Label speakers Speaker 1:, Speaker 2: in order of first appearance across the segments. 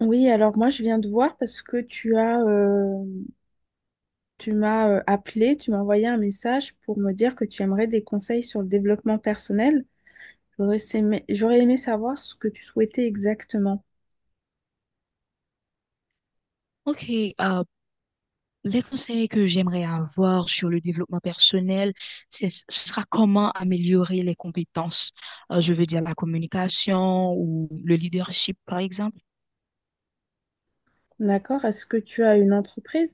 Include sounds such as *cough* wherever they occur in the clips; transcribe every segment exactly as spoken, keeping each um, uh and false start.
Speaker 1: Oui, alors moi je viens de voir parce que tu as, euh, tu m'as euh, appelé, tu m'as envoyé un message pour me dire que tu aimerais des conseils sur le développement personnel. J'aurais aimé, j'aurais aimé savoir ce que tu souhaitais exactement.
Speaker 2: Ok, euh, les conseils que j'aimerais avoir sur le développement personnel, c'est, ce sera comment améliorer les compétences. Euh, je veux dire la communication ou le leadership, par exemple.
Speaker 1: D'accord? Est-ce que tu as une entreprise?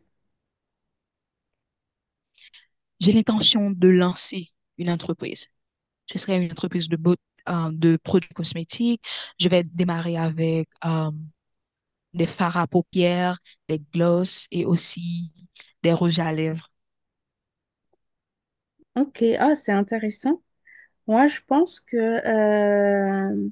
Speaker 2: J'ai l'intention de lancer une entreprise. Ce serait une entreprise de, beau- euh, de produits cosmétiques. Je vais démarrer avec euh, des fards à paupières, des glosses et aussi des rouges à lèvres.
Speaker 1: Ok, ah, c'est intéressant. Moi, je pense que euh,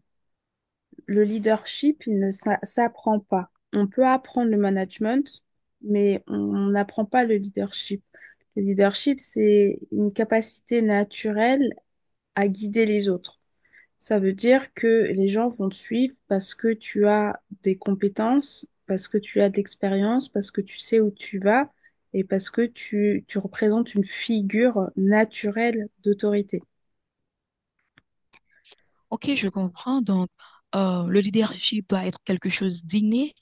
Speaker 1: le leadership, il ne s'a- s'apprend pas. On peut apprendre le management, mais on n'apprend pas le leadership. Le leadership, c'est une capacité naturelle à guider les autres. Ça veut dire que les gens vont te suivre parce que tu as des compétences, parce que tu as de l'expérience, parce que tu sais où tu vas et parce que tu, tu représentes une figure naturelle d'autorité.
Speaker 2: Ok, je comprends. Donc, euh, le leadership doit être quelque chose d'inné.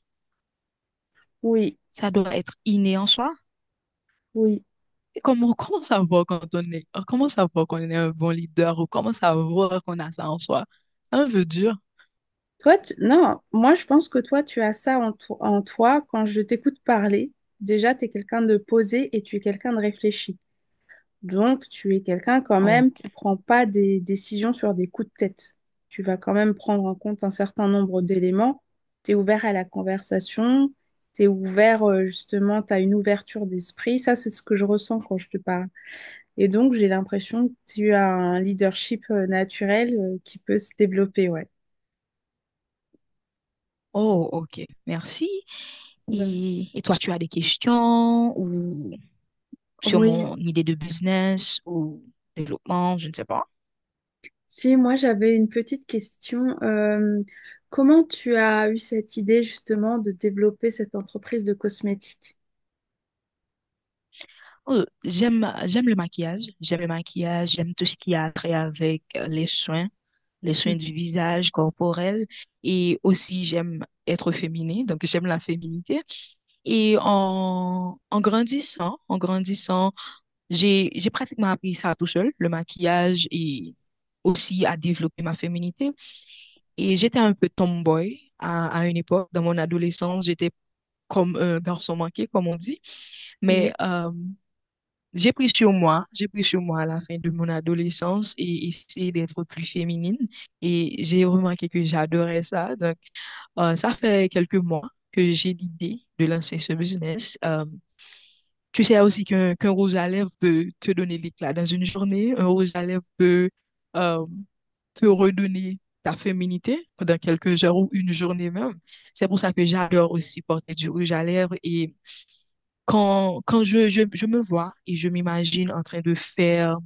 Speaker 1: Oui.
Speaker 2: Ça doit être inné en soi.
Speaker 1: Oui.
Speaker 2: Et comment, *laughs* comment savoir quand on est, comment savoir qu'on est un bon leader ou comment savoir qu'on a ça en soi? C'est un peu dur.
Speaker 1: Toi, tu- non, moi, je pense que toi, tu as ça en, to- en toi. Quand je t'écoute parler, déjà, tu es quelqu'un de posé et tu es quelqu'un de réfléchi. Donc, tu es quelqu'un quand
Speaker 2: Oh,
Speaker 1: même,
Speaker 2: ok.
Speaker 1: tu prends pas des décisions sur des coups de tête. Tu vas quand même prendre en compte un certain nombre d'éléments. Tu es ouvert à la conversation, tu es ouvert, euh, justement, tu as une ouverture d'esprit. Ça, c'est ce que je ressens quand je te parle. Et donc, j'ai l'impression que tu as un leadership euh, naturel, euh, qui peut se développer, ouais.
Speaker 2: Oh, ok. Merci.
Speaker 1: Ben.
Speaker 2: Et, et toi, tu as des questions ou sur
Speaker 1: Oui.
Speaker 2: mon idée de business ou développement, je ne sais pas.
Speaker 1: Si, moi j'avais une petite question. Euh, comment tu as eu cette idée justement de développer cette entreprise de cosmétiques?
Speaker 2: Euh, j'aime, j'aime le maquillage. J'aime le maquillage. J'aime tout ce qui a trait avec euh, les soins, les soins du visage corporel. Et aussi, j'aime être féminine. Donc, j'aime la féminité. Et en, en grandissant, en grandissant, j'ai, j'ai pratiquement appris ça tout seul, le maquillage et aussi à développer ma féminité. Et j'étais un peu tomboy à, à une époque. Dans mon adolescence, j'étais comme un garçon manqué, comme on dit. Mais
Speaker 1: Mhm.
Speaker 2: euh, j'ai pris sur moi, j'ai pris sur moi à la fin de mon adolescence et essayé d'être plus féminine. Et j'ai remarqué que j'adorais ça. Donc, euh, ça fait quelques mois que j'ai l'idée de lancer ce business. Euh, Tu sais aussi qu'un qu'un rouge à lèvres peut te donner l'éclat dans une journée. Un rouge à lèvres peut euh, te redonner ta féminité pendant quelques heures ou une journée même. C'est pour ça que j'adore aussi porter du rouge à lèvres. Et quand, quand je, je, je me vois et je m'imagine en train de faire,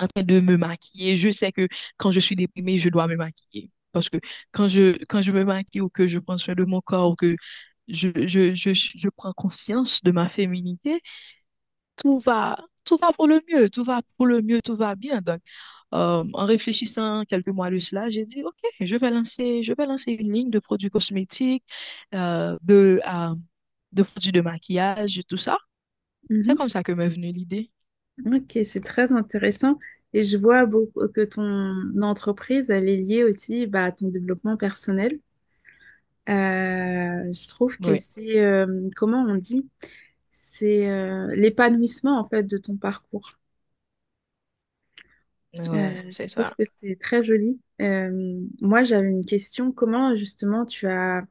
Speaker 2: en train de me maquiller, je sais que quand je suis déprimée, je dois me maquiller. Parce que quand je, quand je me maquille ou que je prends soin de mon corps ou que je, je, je, je prends conscience de ma féminité, tout va, tout va pour le mieux, tout va pour le mieux, tout va bien. Donc, euh, en réfléchissant quelques mois de cela, j'ai dit, OK, je vais lancer, je vais lancer une ligne de produits cosmétiques, euh, de, euh, de produits de maquillage, et tout ça. C'est
Speaker 1: Mhm.
Speaker 2: comme ça que m'est venue l'idée.
Speaker 1: Ok, c'est très intéressant. Et je vois beaucoup que ton entreprise, elle est liée aussi bah, à ton développement personnel. Euh, je trouve que
Speaker 2: Oui,
Speaker 1: c'est, euh, comment on dit? C'est euh, l'épanouissement en fait de ton parcours.
Speaker 2: ouais,
Speaker 1: Euh, je
Speaker 2: c'est
Speaker 1: trouve
Speaker 2: ça.
Speaker 1: que c'est très joli. Euh, moi, j'avais une question. Comment justement tu as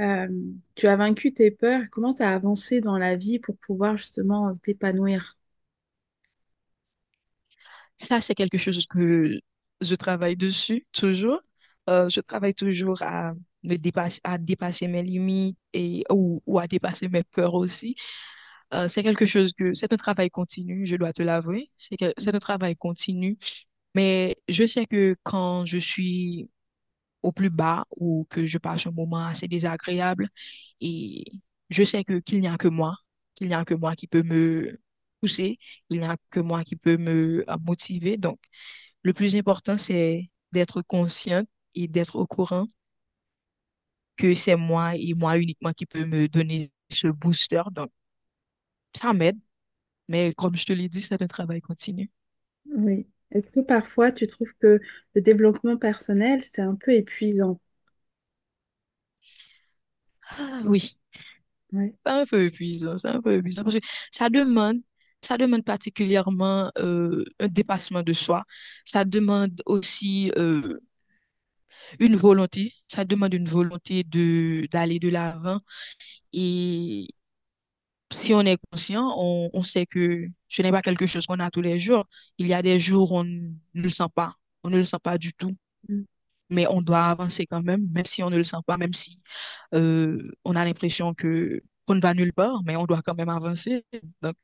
Speaker 1: Euh, tu as vaincu tes peurs. Comment tu as avancé dans la vie pour pouvoir justement euh, t'épanouir?
Speaker 2: Ça, c'est quelque chose que je travaille dessus toujours. Euh, je travaille toujours à me dépasser, à dépasser mes limites et, ou, ou à dépasser mes peurs aussi. Euh, c'est quelque chose que c'est un travail continu, je dois te l'avouer. C'est que c'est un travail continu, mais je sais que quand je suis au plus bas ou que je passe un moment assez désagréable, et je sais que qu'il n'y a que moi, qu'il n'y a que moi qui peut me pousser, il n'y a que moi qui peut me euh, motiver. Donc, le plus important, c'est d'être consciente et d'être au courant que c'est moi et moi uniquement qui peut me donner ce booster. Donc, ça m'aide, mais comme je te l'ai dit, c'est un travail continu.
Speaker 1: Oui. Est-ce que parfois tu trouves que le développement personnel, c'est un peu épuisant?
Speaker 2: Oui,
Speaker 1: Ouais.
Speaker 2: c'est un peu épuisant, c'est un peu épuisant parce que ça demande, ça demande particulièrement euh, un dépassement de soi, ça demande aussi euh, une volonté, ça demande une volonté de d'aller de l'avant et si on est conscient, on, on sait que ce n'est pas quelque chose qu'on a tous les jours. Il y a des jours où on ne le sent pas, on ne le sent pas du tout,
Speaker 1: Mm.
Speaker 2: mais on doit avancer quand même, même si on ne le sent pas, même si euh, on a l'impression que qu'on ne va nulle part, mais on doit quand même avancer. Donc,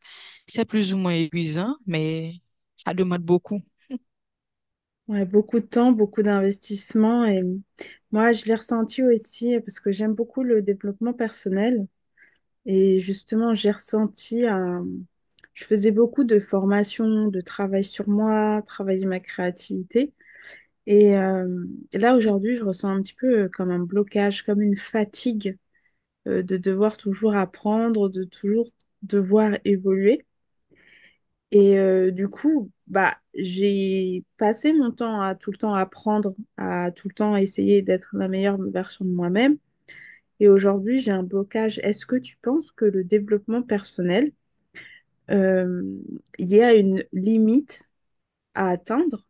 Speaker 2: c'est plus ou moins épuisant, mais ça demande beaucoup.
Speaker 1: Ouais, beaucoup de temps, beaucoup d'investissement. Et moi, je l'ai ressenti aussi euh, parce que j'aime beaucoup le développement personnel. Et justement, j'ai ressenti un… Je faisais beaucoup de formations, de travail sur moi, travailler ma créativité. Et euh, là, aujourd'hui, je ressens un petit peu euh, comme un blocage, comme une fatigue euh, de devoir toujours apprendre, de toujours devoir évoluer. Et euh, du coup, bah, j'ai passé mon temps à tout le temps apprendre, à tout le temps essayer d'être la meilleure version de moi-même. Et aujourd'hui, j'ai un blocage. Est-ce que tu penses que le développement personnel, euh, il y a une limite à atteindre?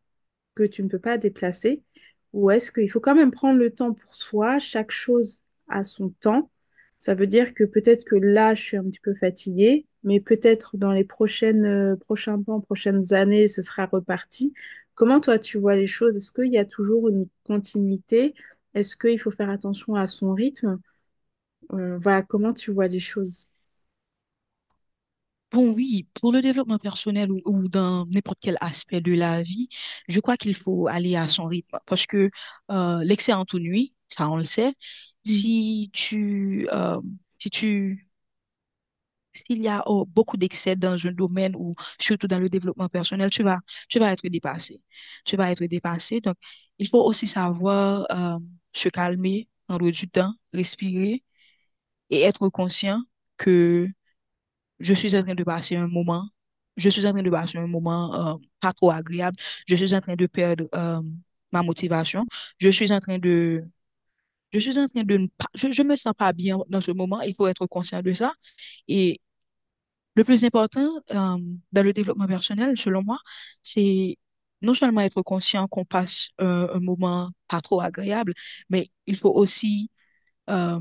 Speaker 1: Que tu ne peux pas déplacer, ou est-ce qu'il faut quand même prendre le temps pour soi, chaque chose a son temps. Ça veut dire que peut-être que là, je suis un petit peu fatiguée, mais peut-être dans les prochaines, euh, prochains temps, prochaines années, ce sera reparti. Comment toi, tu vois les choses? Est-ce qu'il y a toujours une continuité? Est-ce qu'il faut faire attention à son rythme? Euh, voilà, comment tu vois les choses?
Speaker 2: Bon, oui, pour le développement personnel ou, ou dans n'importe quel aspect de la vie, je crois qu'il faut aller à son rythme parce que euh, l'excès ennuie, ça on le sait.
Speaker 1: Hmm.
Speaker 2: Si tu, euh, si tu, s'il y a oh, beaucoup d'excès dans un domaine ou surtout dans le développement personnel, tu vas, tu vas être dépassé. Tu vas être dépassé. Donc, il faut aussi savoir euh, se calmer, prendre du temps, respirer et être conscient que je suis en train de passer un moment, je suis en train de passer un moment euh, pas trop agréable, je suis en train de perdre euh, ma motivation, je suis en train de, je suis en train de ne pas, je, je me sens pas bien dans ce moment, il faut être conscient de ça. Et le plus important, euh, dans le développement personnel, selon moi, c'est non seulement être conscient qu'on passe euh, un moment pas trop agréable, mais il faut aussi, euh,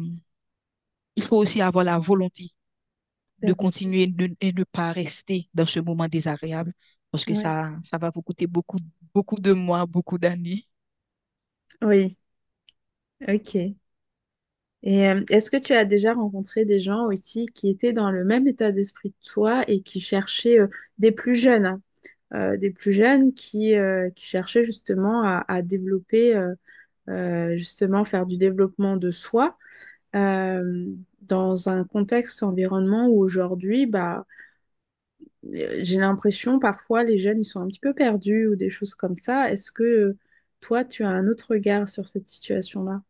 Speaker 2: il faut aussi avoir la volonté de
Speaker 1: D'abord.
Speaker 2: continuer de- et ne pas rester dans ce moment désagréable parce que
Speaker 1: Ouais.
Speaker 2: ça, ça va vous coûter beaucoup, beaucoup de mois, beaucoup d'années.
Speaker 1: Oui, ok. Et euh, est-ce que tu as déjà rencontré des gens aussi qui étaient dans le même état d'esprit que toi et qui cherchaient euh, des plus jeunes, hein, euh, des plus jeunes qui, euh, qui cherchaient justement à, à développer, euh, euh, justement faire du développement de soi euh, dans un contexte environnement où aujourd'hui, bah, euh, j'ai l'impression parfois les jeunes ils sont un petit peu perdus ou des choses comme ça. Est-ce que euh, toi tu as un autre regard sur cette situation-là?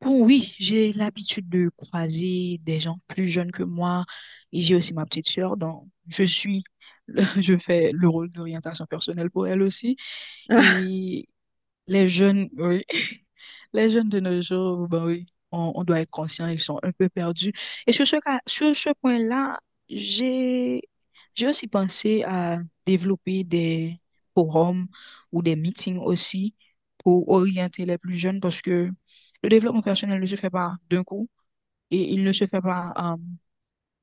Speaker 2: Bon, oui, j'ai l'habitude de croiser des gens plus jeunes que moi et j'ai aussi ma petite sœur, donc je suis, *laughs* je fais le rôle d'orientation personnelle pour elle aussi.
Speaker 1: *laughs*
Speaker 2: Et les jeunes, oui, les jeunes de nos jours, ben oui, on, on doit être conscient, ils sont un peu perdus. Et sur ce cas, sur ce point-là, j'ai, j'ai aussi pensé à développer des forums ou des meetings aussi pour orienter les plus jeunes parce que le développement personnel ne se fait pas d'un coup et il ne se fait pas euh,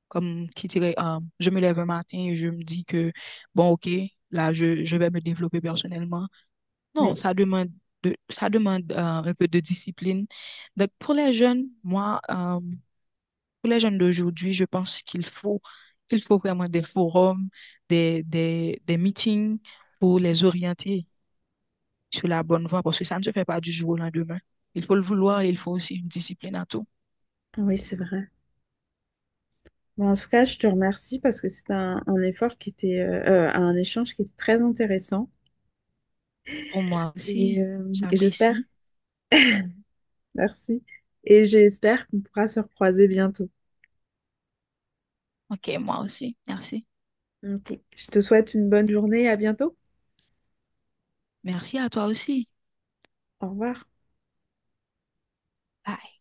Speaker 2: comme qui dirait, euh, je me lève un matin et je me dis que, bon, ok, là, je, je vais me développer personnellement. Non,
Speaker 1: Oui,
Speaker 2: ça demande de, ça demande euh, un peu de discipline. Donc, pour les jeunes, moi, euh, pour les jeunes d'aujourd'hui, je pense qu'il faut, qu'il faut vraiment des forums, des, des, des meetings pour les orienter sur la bonne voie, parce que ça ne se fait pas du jour au lendemain. Il faut le vouloir et il faut aussi une discipline à tout.
Speaker 1: oui, c'est vrai. Bon, en tout cas, je te remercie parce que c'était un, un effort qui était, euh, euh, un échange qui était très intéressant.
Speaker 2: Pour moi
Speaker 1: Et,
Speaker 2: aussi,
Speaker 1: euh, et j'espère,
Speaker 2: j'apprécie.
Speaker 1: merci. Et j'espère qu'on pourra se recroiser bientôt.
Speaker 2: OK, moi aussi. Merci.
Speaker 1: Ok. Je te souhaite une bonne journée, à bientôt.
Speaker 2: Merci à toi aussi.
Speaker 1: Au revoir.
Speaker 2: Bye.